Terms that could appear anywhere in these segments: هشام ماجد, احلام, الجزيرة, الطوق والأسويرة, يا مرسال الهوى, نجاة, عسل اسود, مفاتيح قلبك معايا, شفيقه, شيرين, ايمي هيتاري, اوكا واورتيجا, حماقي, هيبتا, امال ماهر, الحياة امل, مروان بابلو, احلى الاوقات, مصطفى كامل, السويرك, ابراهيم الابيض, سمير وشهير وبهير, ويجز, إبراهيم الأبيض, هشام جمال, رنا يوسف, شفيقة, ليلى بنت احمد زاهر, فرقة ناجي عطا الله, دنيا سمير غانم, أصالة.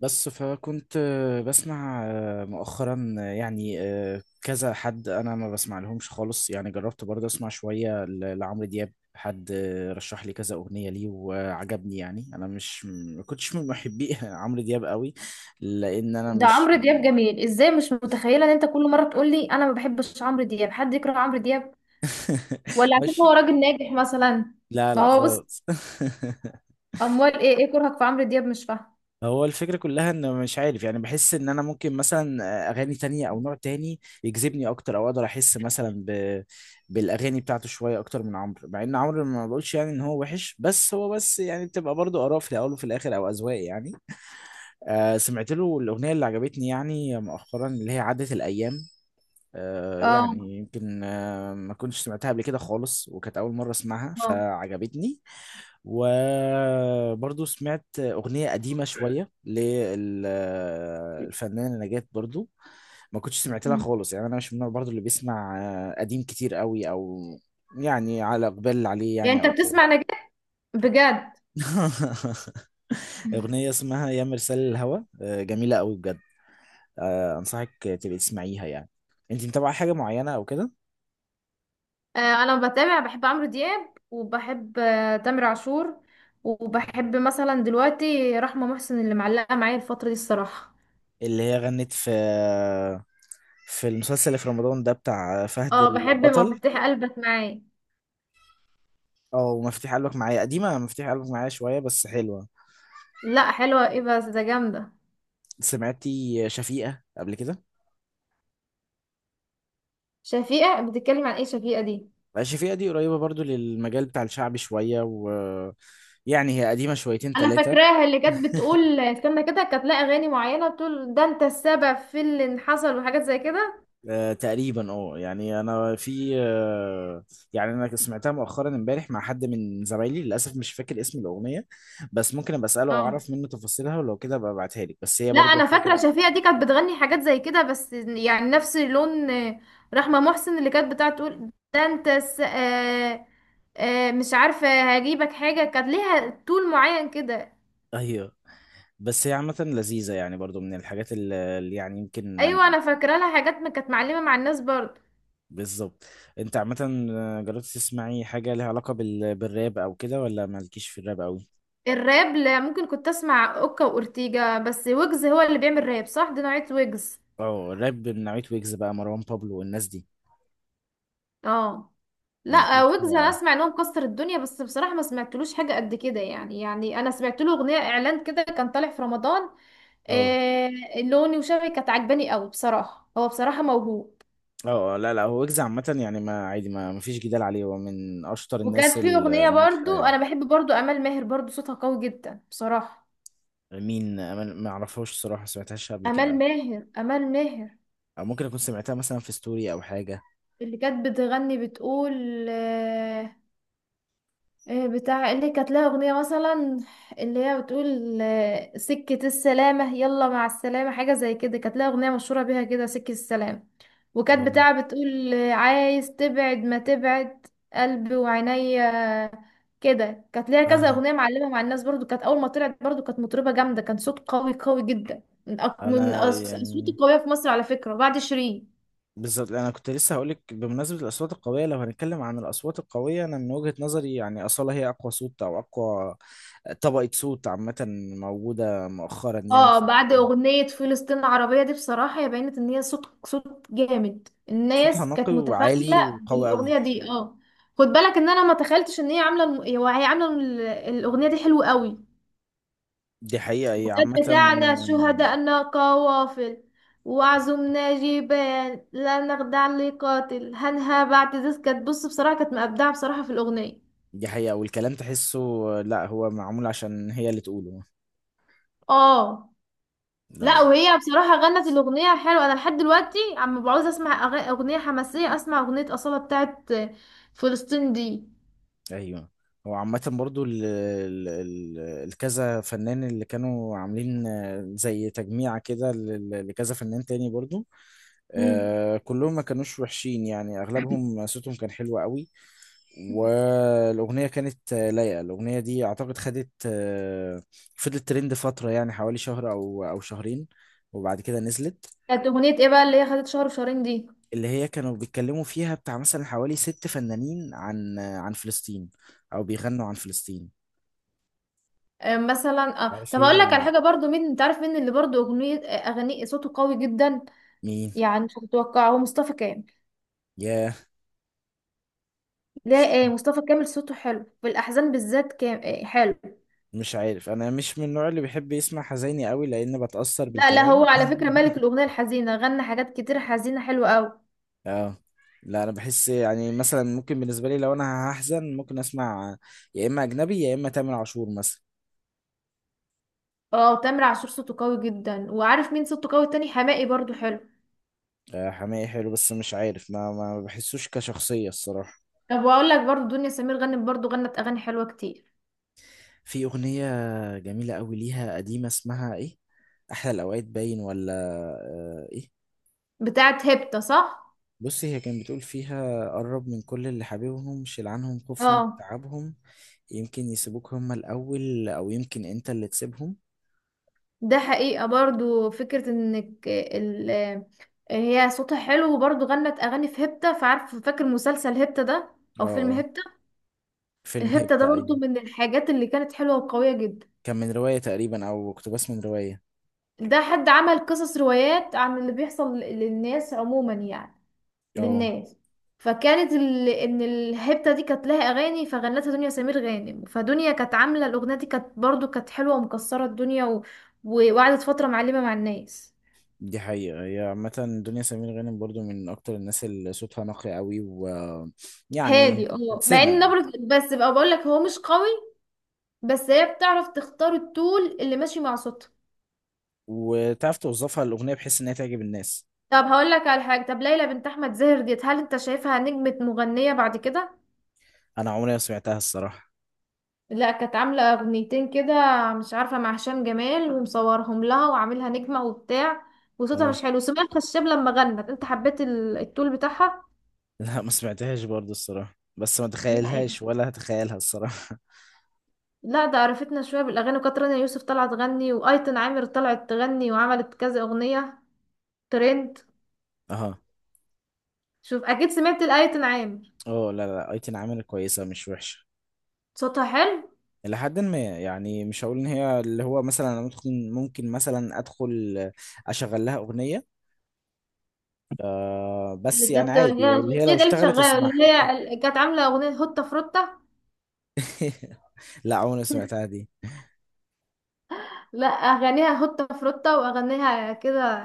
بس فكنت بسمع مؤخرا يعني كذا حد. انا ما بسمع لهمش خالص، يعني جربت برضه اسمع شوية لعمرو دياب. حد رشح لي كذا اغنية ليه وعجبني، يعني انا مش ما كنتش من محبي عمرو دياب قوي لان انا ده مش عمرو دياب جميل ازاي؟ مش متخيله ان انت كل مره تقول لي انا ما بحبش عمرو دياب. حد يكره عمرو دياب؟ ولا عشان هو مش. راجل ناجح مثلا؟ لا ما لا هو بص خالص. اموال، ايه كرهك في عمرو دياب؟ مش فاهمه. هو الفكرة كلها ان مش عارف، يعني بحس ان انا ممكن مثلا اغاني تانية او نوع تاني يجذبني اكتر، او اقدر احس مثلا بالاغاني بتاعته شوية اكتر من عمرو، مع ان عمرو ما بقولش يعني ان هو وحش، بس هو بس يعني بتبقى برضو اراء في الاول وفي الاخر او اذواق يعني. سمعت له الاغنية اللي عجبتني يعني مؤخرا، اللي هي عدت الايام. اه، يعني يمكن ما كنتش سمعتها قبل كده خالص، وكانت اول مرة اسمعها اه. فعجبتني. وبرضو سمعت أغنية قديمة شوية للفنانة نجاة، برضو ما كنتش سمعت لها مم. خالص، يعني أنا مش من النوع برضو اللي بيسمع قديم كتير قوي أو يعني على إقبال عليه، يعني يعني انت أو كده. بتسمع نجاح بجد؟ أغنية اسمها يا مرسال الهوى، جميلة قوي بجد. أنصحك تبقي تسمعيها يعني. أنت متابعة حاجة معينة أو كده؟ آه، انا بتابع بحب عمرو دياب وبحب تامر عاشور، وبحب مثلا دلوقتي رحمه محسن اللي معلقه معايا الفتره دي الصراحه. اللي هي غنت في المسلسل اللي في رمضان ده، بتاع فهد اه، بحب البطل. مفاتيح قلبك معايا. اه ومفاتيح قلبك معايا، قديمة مفاتيح قلبك معايا شوية بس حلوة. لا، حلوه ايه بس، ده جامده. سمعتي شفيقة قبل كده؟ شفيقه بتتكلم عن ايه؟ شفيقه دي؟ شفيقة دي قريبة برضو للمجال بتاع الشعب شوية، و يعني هي قديمة شويتين انا ثلاثة فاكراها، اللي كانت بتقول استنى كده، كانت لها اغاني معينه بتقول ده انت السبب في اللي حصل وحاجات زي كده. تقريبا. اه يعني انا في يعني انا سمعتها مؤخرا امبارح مع حد من زمايلي، للاسف مش فاكر اسم الاغنية، بس ممكن ابقى اساله اه، واعرف منه تفاصيلها ولو كده ابقى ابعتها لك، بس هي لا برضو انا فاكره حاجة. شفيقه دي كانت بتغني حاجات زي كده، بس يعني نفس لون رحمه محسن، اللي كانت بتاعت تقول ده انت الس... آه... آه... مش عارفه هجيبك حاجه، كانت ليها طول معين كده. ايوه، بس هي عامة لذيذة، يعني برضو من الحاجات اللي يعني يمكن. ايوه، انا فاكره لها حاجات ما كانت معلمه مع الناس برضه. بالظبط. انت عامة جربت تسمعي حاجة ليها علاقة بالراب او كده، ولا مالكيش في الراب قوي؟ الراب؟ لا، ممكن كنت اسمع اوكا واورتيجا بس. ويجز هو اللي بيعمل راب، صح؟ دي نوعيه ويجز. اه، الراب من نوعية ويجز بقى، مروان بابلو والناس دي. اه، لا مالكيش ويجز انا فيها. اسمع ان هو مكسر الدنيا، بس بصراحه ما سمعتلوش حاجه قد كده يعني انا سمعت له اغنيه اعلان كده كان طالع في رمضان. اه. آه. لوني وشبهي كانت عجباني قوي بصراحه، هو بصراحه موهوب. اه. لا لا، هو ويجز عامة يعني ما عادي، ما فيش جدال عليه، هو من اشطر الناس وكانت في اغنيه الناجحة برضو، انا يعني. بحب برضو امال ماهر، برضو صوتها قوي جدا بصراحه. مين؟ ما اعرفهاش الصراحة، سمعتهاش قبل امال كده. ماهر، امال ماهر او ممكن اكون سمعتها مثلا في ستوري او حاجة. اللي كانت بتغني بتقول آه، إيه بتاع اللي كانت لها أغنية مثلا؟ اللي هي بتقول سكة السلامة يلا مع السلامة، حاجة زي كده، كانت لها أغنية مشهورة بيها كده، سكة السلامة. وكانت اه. بتاع بتقول عايز تبعد ما تبعد قلبي وعينيا. كده كانت ليها كذا آه. أغنية معلمة مع الناس برضو. كانت أول ما طلعت برضو كانت مطربة جامدة، كان صوت قوي قوي جدا من انا الأصوات يعني القوية في مصر، على فكرة، بعد شيرين. بالظبط انا كنت لسه هقولك، بمناسبه الاصوات القويه، لو هنتكلم عن الاصوات القويه انا من وجهه نظري يعني اصاله هي اقوى صوت، او اقوى طبقه صوت عامه موجوده مؤخرا يعني اه، في بعد المجال. اغنية فلسطين العربية دي بصراحة هي بينت ان هي صوت جامد، صوتها الناس نقي كانت متفاعلة وعالي وقوي قوي. بالاغنية دي، اه. خد بالك ان انا ما تخيلتش ان هي عاملة الم- هو هي عاملة ال- الاغنية دي حلوة قوي. دي حقيقه، هي وقد عامه. بتاعنا شهداءنا قوافل، وعزمنا جبال لا نخدع لقاتل، هنها بعد ذس، كانت بص بصراحة كانت مبدعة بصراحة في الاغنية. دي حقيقه، والكلام تحسه. لا هو معمول عشان هي اللي تقوله. اه، لا لا لا. وهي بصراحة غنت الأغنية حلوة، أنا لحد دلوقتي عم بعوز أسمع أغنية حماسية، أسمع أغنية أصالة بتاعت فلسطين دي. ايوه، هو عامة برضو ال ال ال الكذا فنان اللي كانوا عاملين زي تجميعة كده لكذا فنان تاني برضو، مم. آه كلهم ما كانوش وحشين، يعني اغلبهم صوتهم كان حلو قوي. والاغنيه كانت لايقه، الاغنيه دي اعتقد خدت فضلت ترند فتره، يعني حوالي شهر او شهرين، وبعد كده نزلت. كانت أغنية إيه بقى اللي هي خدت شهر وشهرين دي؟ اللي هي كانوا بيتكلموا فيها بتاع مثلا حوالي ست فنانين عن عن فلسطين، او بيغنوا عن فلسطين. مثلا، عارف طب هي أقول لك ولا على لا؟ حاجة برضو، مين أنت عارف مين اللي برضو أغنية أغاني صوته قوي جدا؟ مين؟ يعني مش هتتوقعه، هو مصطفى كامل. ياه، لا، مصطفى كامل صوته حلو في الأحزان بالذات، كام حلو. مش عارف، انا مش من النوع اللي بيحب يسمع حزيني قوي لان بتأثر لا لا، هو بالكلام. على فكرة ملك الأغنية الحزينة، غنى حاجات كتير حزينة حلوة أوي. اه لا، انا بحس يعني مثلا ممكن بالنسبه لي لو انا هحزن ممكن اسمع، يا اما اجنبي يا اما تامر عاشور مثلا. اه، تامر عاشور صوته قوي جدا. وعارف مين صوته قوي تاني؟ حماقي برضو حلو. حماقي حلو، بس مش عارف ما بحسوش كشخصيه الصراحه. طب واقول لك برضو، دنيا سمير غنت، برضو غنت اغاني حلوه كتير. في اغنيه جميله قوي ليها قديمه، اسمها ايه، احلى الاوقات باين ولا ايه. بتاعت هيبتا، صح؟ بصي، هي كانت بتقول فيها، قرب من كل اللي حبيبهم، شيل عنهم خوفهم اه، تعبهم، يمكن يسيبوك هما الاول او يمكن انت اللي تسيبهم. ده حقيقه برضو، فكره انك هي صوتها حلو، وبرضو غنت اغاني في هيبتا. فعارف، فاكر مسلسل هيبتا ده، اه. او فيلم اه. هيبتا؟ فيلم هيبتا ده هيبتا، أيوة. برضو من الحاجات اللي كانت حلوه وقويه جدا. كان من رواية تقريبا، أو اقتباس من رواية. ده حد عمل قصص روايات عن اللي بيحصل للناس عموما، يعني اه. للناس. فكانت ان الهبته دي كانت لها اغاني، فغنتها دنيا سمير غانم. فدنيا كانت عامله الاغنيه دي، كانت برضو كانت حلوه ومكسره الدنيا وقعدت فتره معلمه مع الناس. دي حقيقة، هي عامة دنيا سمير غانم برضو من أكتر الناس اللي صوتها نقي قوي. مم. ويعني هادي، اه، مع ان تتسمع. نبرة بس بقى، بقول لك، هو مش قوي، بس هي بتعرف تختار التون اللي ماشي مع صوتها. وتعرف توظفها الأغنية بحيث إنها تعجب الناس. طب هقول لك على حاجه، طب ليلى بنت احمد زاهر ديت، هل انت شايفها نجمه مغنيه بعد كده؟ أنا عمري ما سمعتها الصراحة. لا، كانت عاملة أغنيتين كده، مش عارفة، مع هشام جمال، ومصورهم لها وعاملها نجمة وبتاع، وصوتها اه. مش حلو. سمية الخشاب لما غنت انت حبيت التول بتاعها. لا، ما سمعتهاش برضو الصراحة، بس ما لا تخيلهاش ولا هتخيلها الصراحة. لا، ده عرفتنا شوية بالأغاني، وكانت رنا يوسف طلعت تغني، وأيتن عامر طلعت تغني وعملت كذا أغنية ترند. اه. شوف، أكيد سمعت الأيتن عامر، اه لا لا، أيتن عامل كويسة، مش وحشة صوتها حلو. إلى حد ما يعني، مش هقول إن هي اللي هو مثلا أنا ممكن مثلا أدخل أشغل لها أغنية، آه اللي بس يعني كانت هي عادي، اللي هي لو الأغنية دي اللي اشتغلت شغالة، اسمعها. اللي هي اللي كانت عاملة أغنية هوتة فروتة. لا عمري ما سمعتها دي. لا، اغانيها هوتة فروتة واغانيها كده،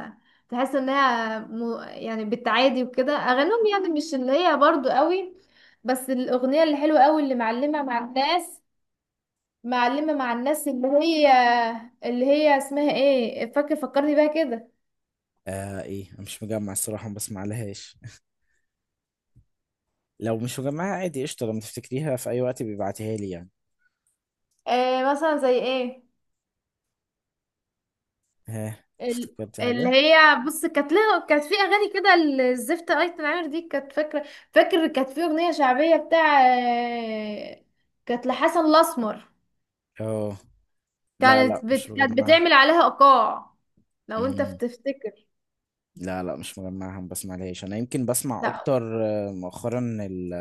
تحس انها يعني بالتعادي وكده، اغانيهم يعني مش اللي هي برضو قوي. بس الاغنية اللي حلوة قوي، اللي معلمة مع الناس، معلمة مع الناس، اللي هي اسمها ايه؟ فاكر؟ فكرني بيها كده. آه ايه، أنا مش مجمع الصراحة، ما بسمع لهاش. لو مش مجمعها عادي قشطة، لما تفتكريها في اي وقت بيبعتيها لي يعني. مثلا زي ايه؟ ها افتكرت اللي حاجة؟ هي بص، كانت لها، كانت في اغاني كده، الزفت ايتن عامر دي، كانت فاكره، فاكر؟ كانت في اغنيه شعبيه بتاع كانت لحسن الاسمر، اه لا لا، مش كانت مجمعها. بتعمل عليها ايقاع، لو انت مم. بتفتكر. لا لا، مش مجمعها، ما بسمع لهاش، انا يمكن بسمع لا، اكتر مؤخرا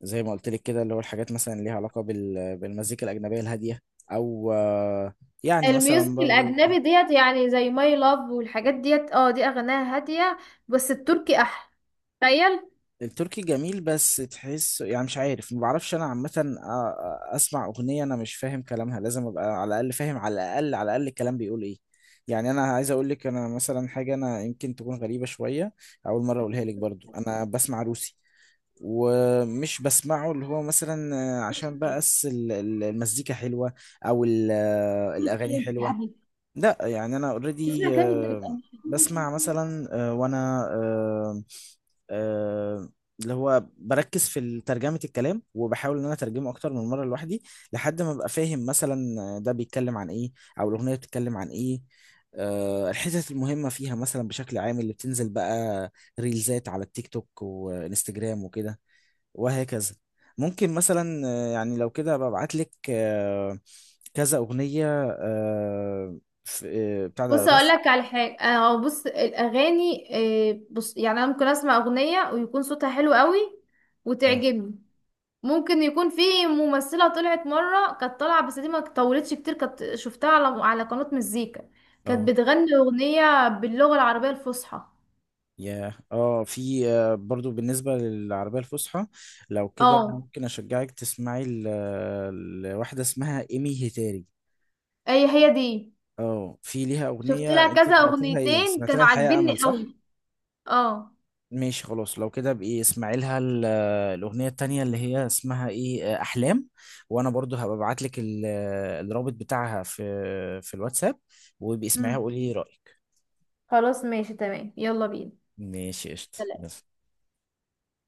زي ما قلت لك كده، اللي هو الحاجات مثلا ليها علاقة بالمزيكا الأجنبية الهادية، او يعني مثلا الميوزك برضو. الاجنبي ديت يعني زي ماي لاف والحاجات ديت، اه، دي اغانيها هاديه، بس التركي احلى، تخيل. التركي جميل، بس تحس يعني مش عارف، ما بعرفش انا عامه اسمع اغنيه انا مش فاهم كلامها، لازم ابقى على الاقل فاهم، على الاقل على الاقل الكلام بيقول ايه، يعني. انا عايز اقول لك انا مثلا حاجه، انا يمكن تكون غريبه شويه، اول مره اقولها لك. برضو انا بسمع روسي، ومش بسمعه اللي هو مثلا إيش عشان إيه؟ بس المزيكا حلوه، او الاغاني إيه انت يا حلوه. حبيبي؟ لا يعني انا اوريدي، اسمع كلام انت بتقول. بسمع مثلا وانا آه، اللي هو بركز في ترجمة الكلام، وبحاول ان انا اترجمه اكتر من مرة لوحدي، لحد ما ابقى فاهم مثلا ده بيتكلم عن ايه، او الاغنية بتتكلم عن ايه، الحتت المهمة فيها مثلا بشكل عام، اللي بتنزل بقى ريلزات على التيك توك وانستجرام وكده، وهكذا. ممكن مثلا يعني لو كده ببعت لك كذا أغنية، آه، في- بتاع ده بص اقول روسي. لك على حاجه، بص الاغاني، بص يعني انا ممكن اسمع اغنيه ويكون صوتها حلو قوي اه. وتعجبني. ممكن يكون في ممثلة طلعت مرة، كانت طالعة بس دي ما طولتش كتير، كانت شفتها على قناة مزيكا، كانت اه. بتغني أغنية باللغة العربية الفصحى. ياه. اه في برضو بالنسبة للعربية الفصحى، لو كده اه، ممكن اشجعك تسمعي لواحدة اسمها ايمي هيتاري. هي هي دي. اه في ليها شفت اغنية، لها انت كذا سمعت لها ايه، أغنيتين سمعت لها كانوا الحياة امل عاجبني صح؟ قوي، اه. ماشي خلاص، لو كده بقى اسمعي لها الاغنية التانية، اللي هي اسمها ايه، احلام. وانا برضو هبقى ابعت لك الرابط بتاعها في في الواتساب، وابقي اسمعيها مم. وقولي ايه رأيك. خلاص، ماشي تمام، يلا بينا. ماشي قشطة، سلام. يلا.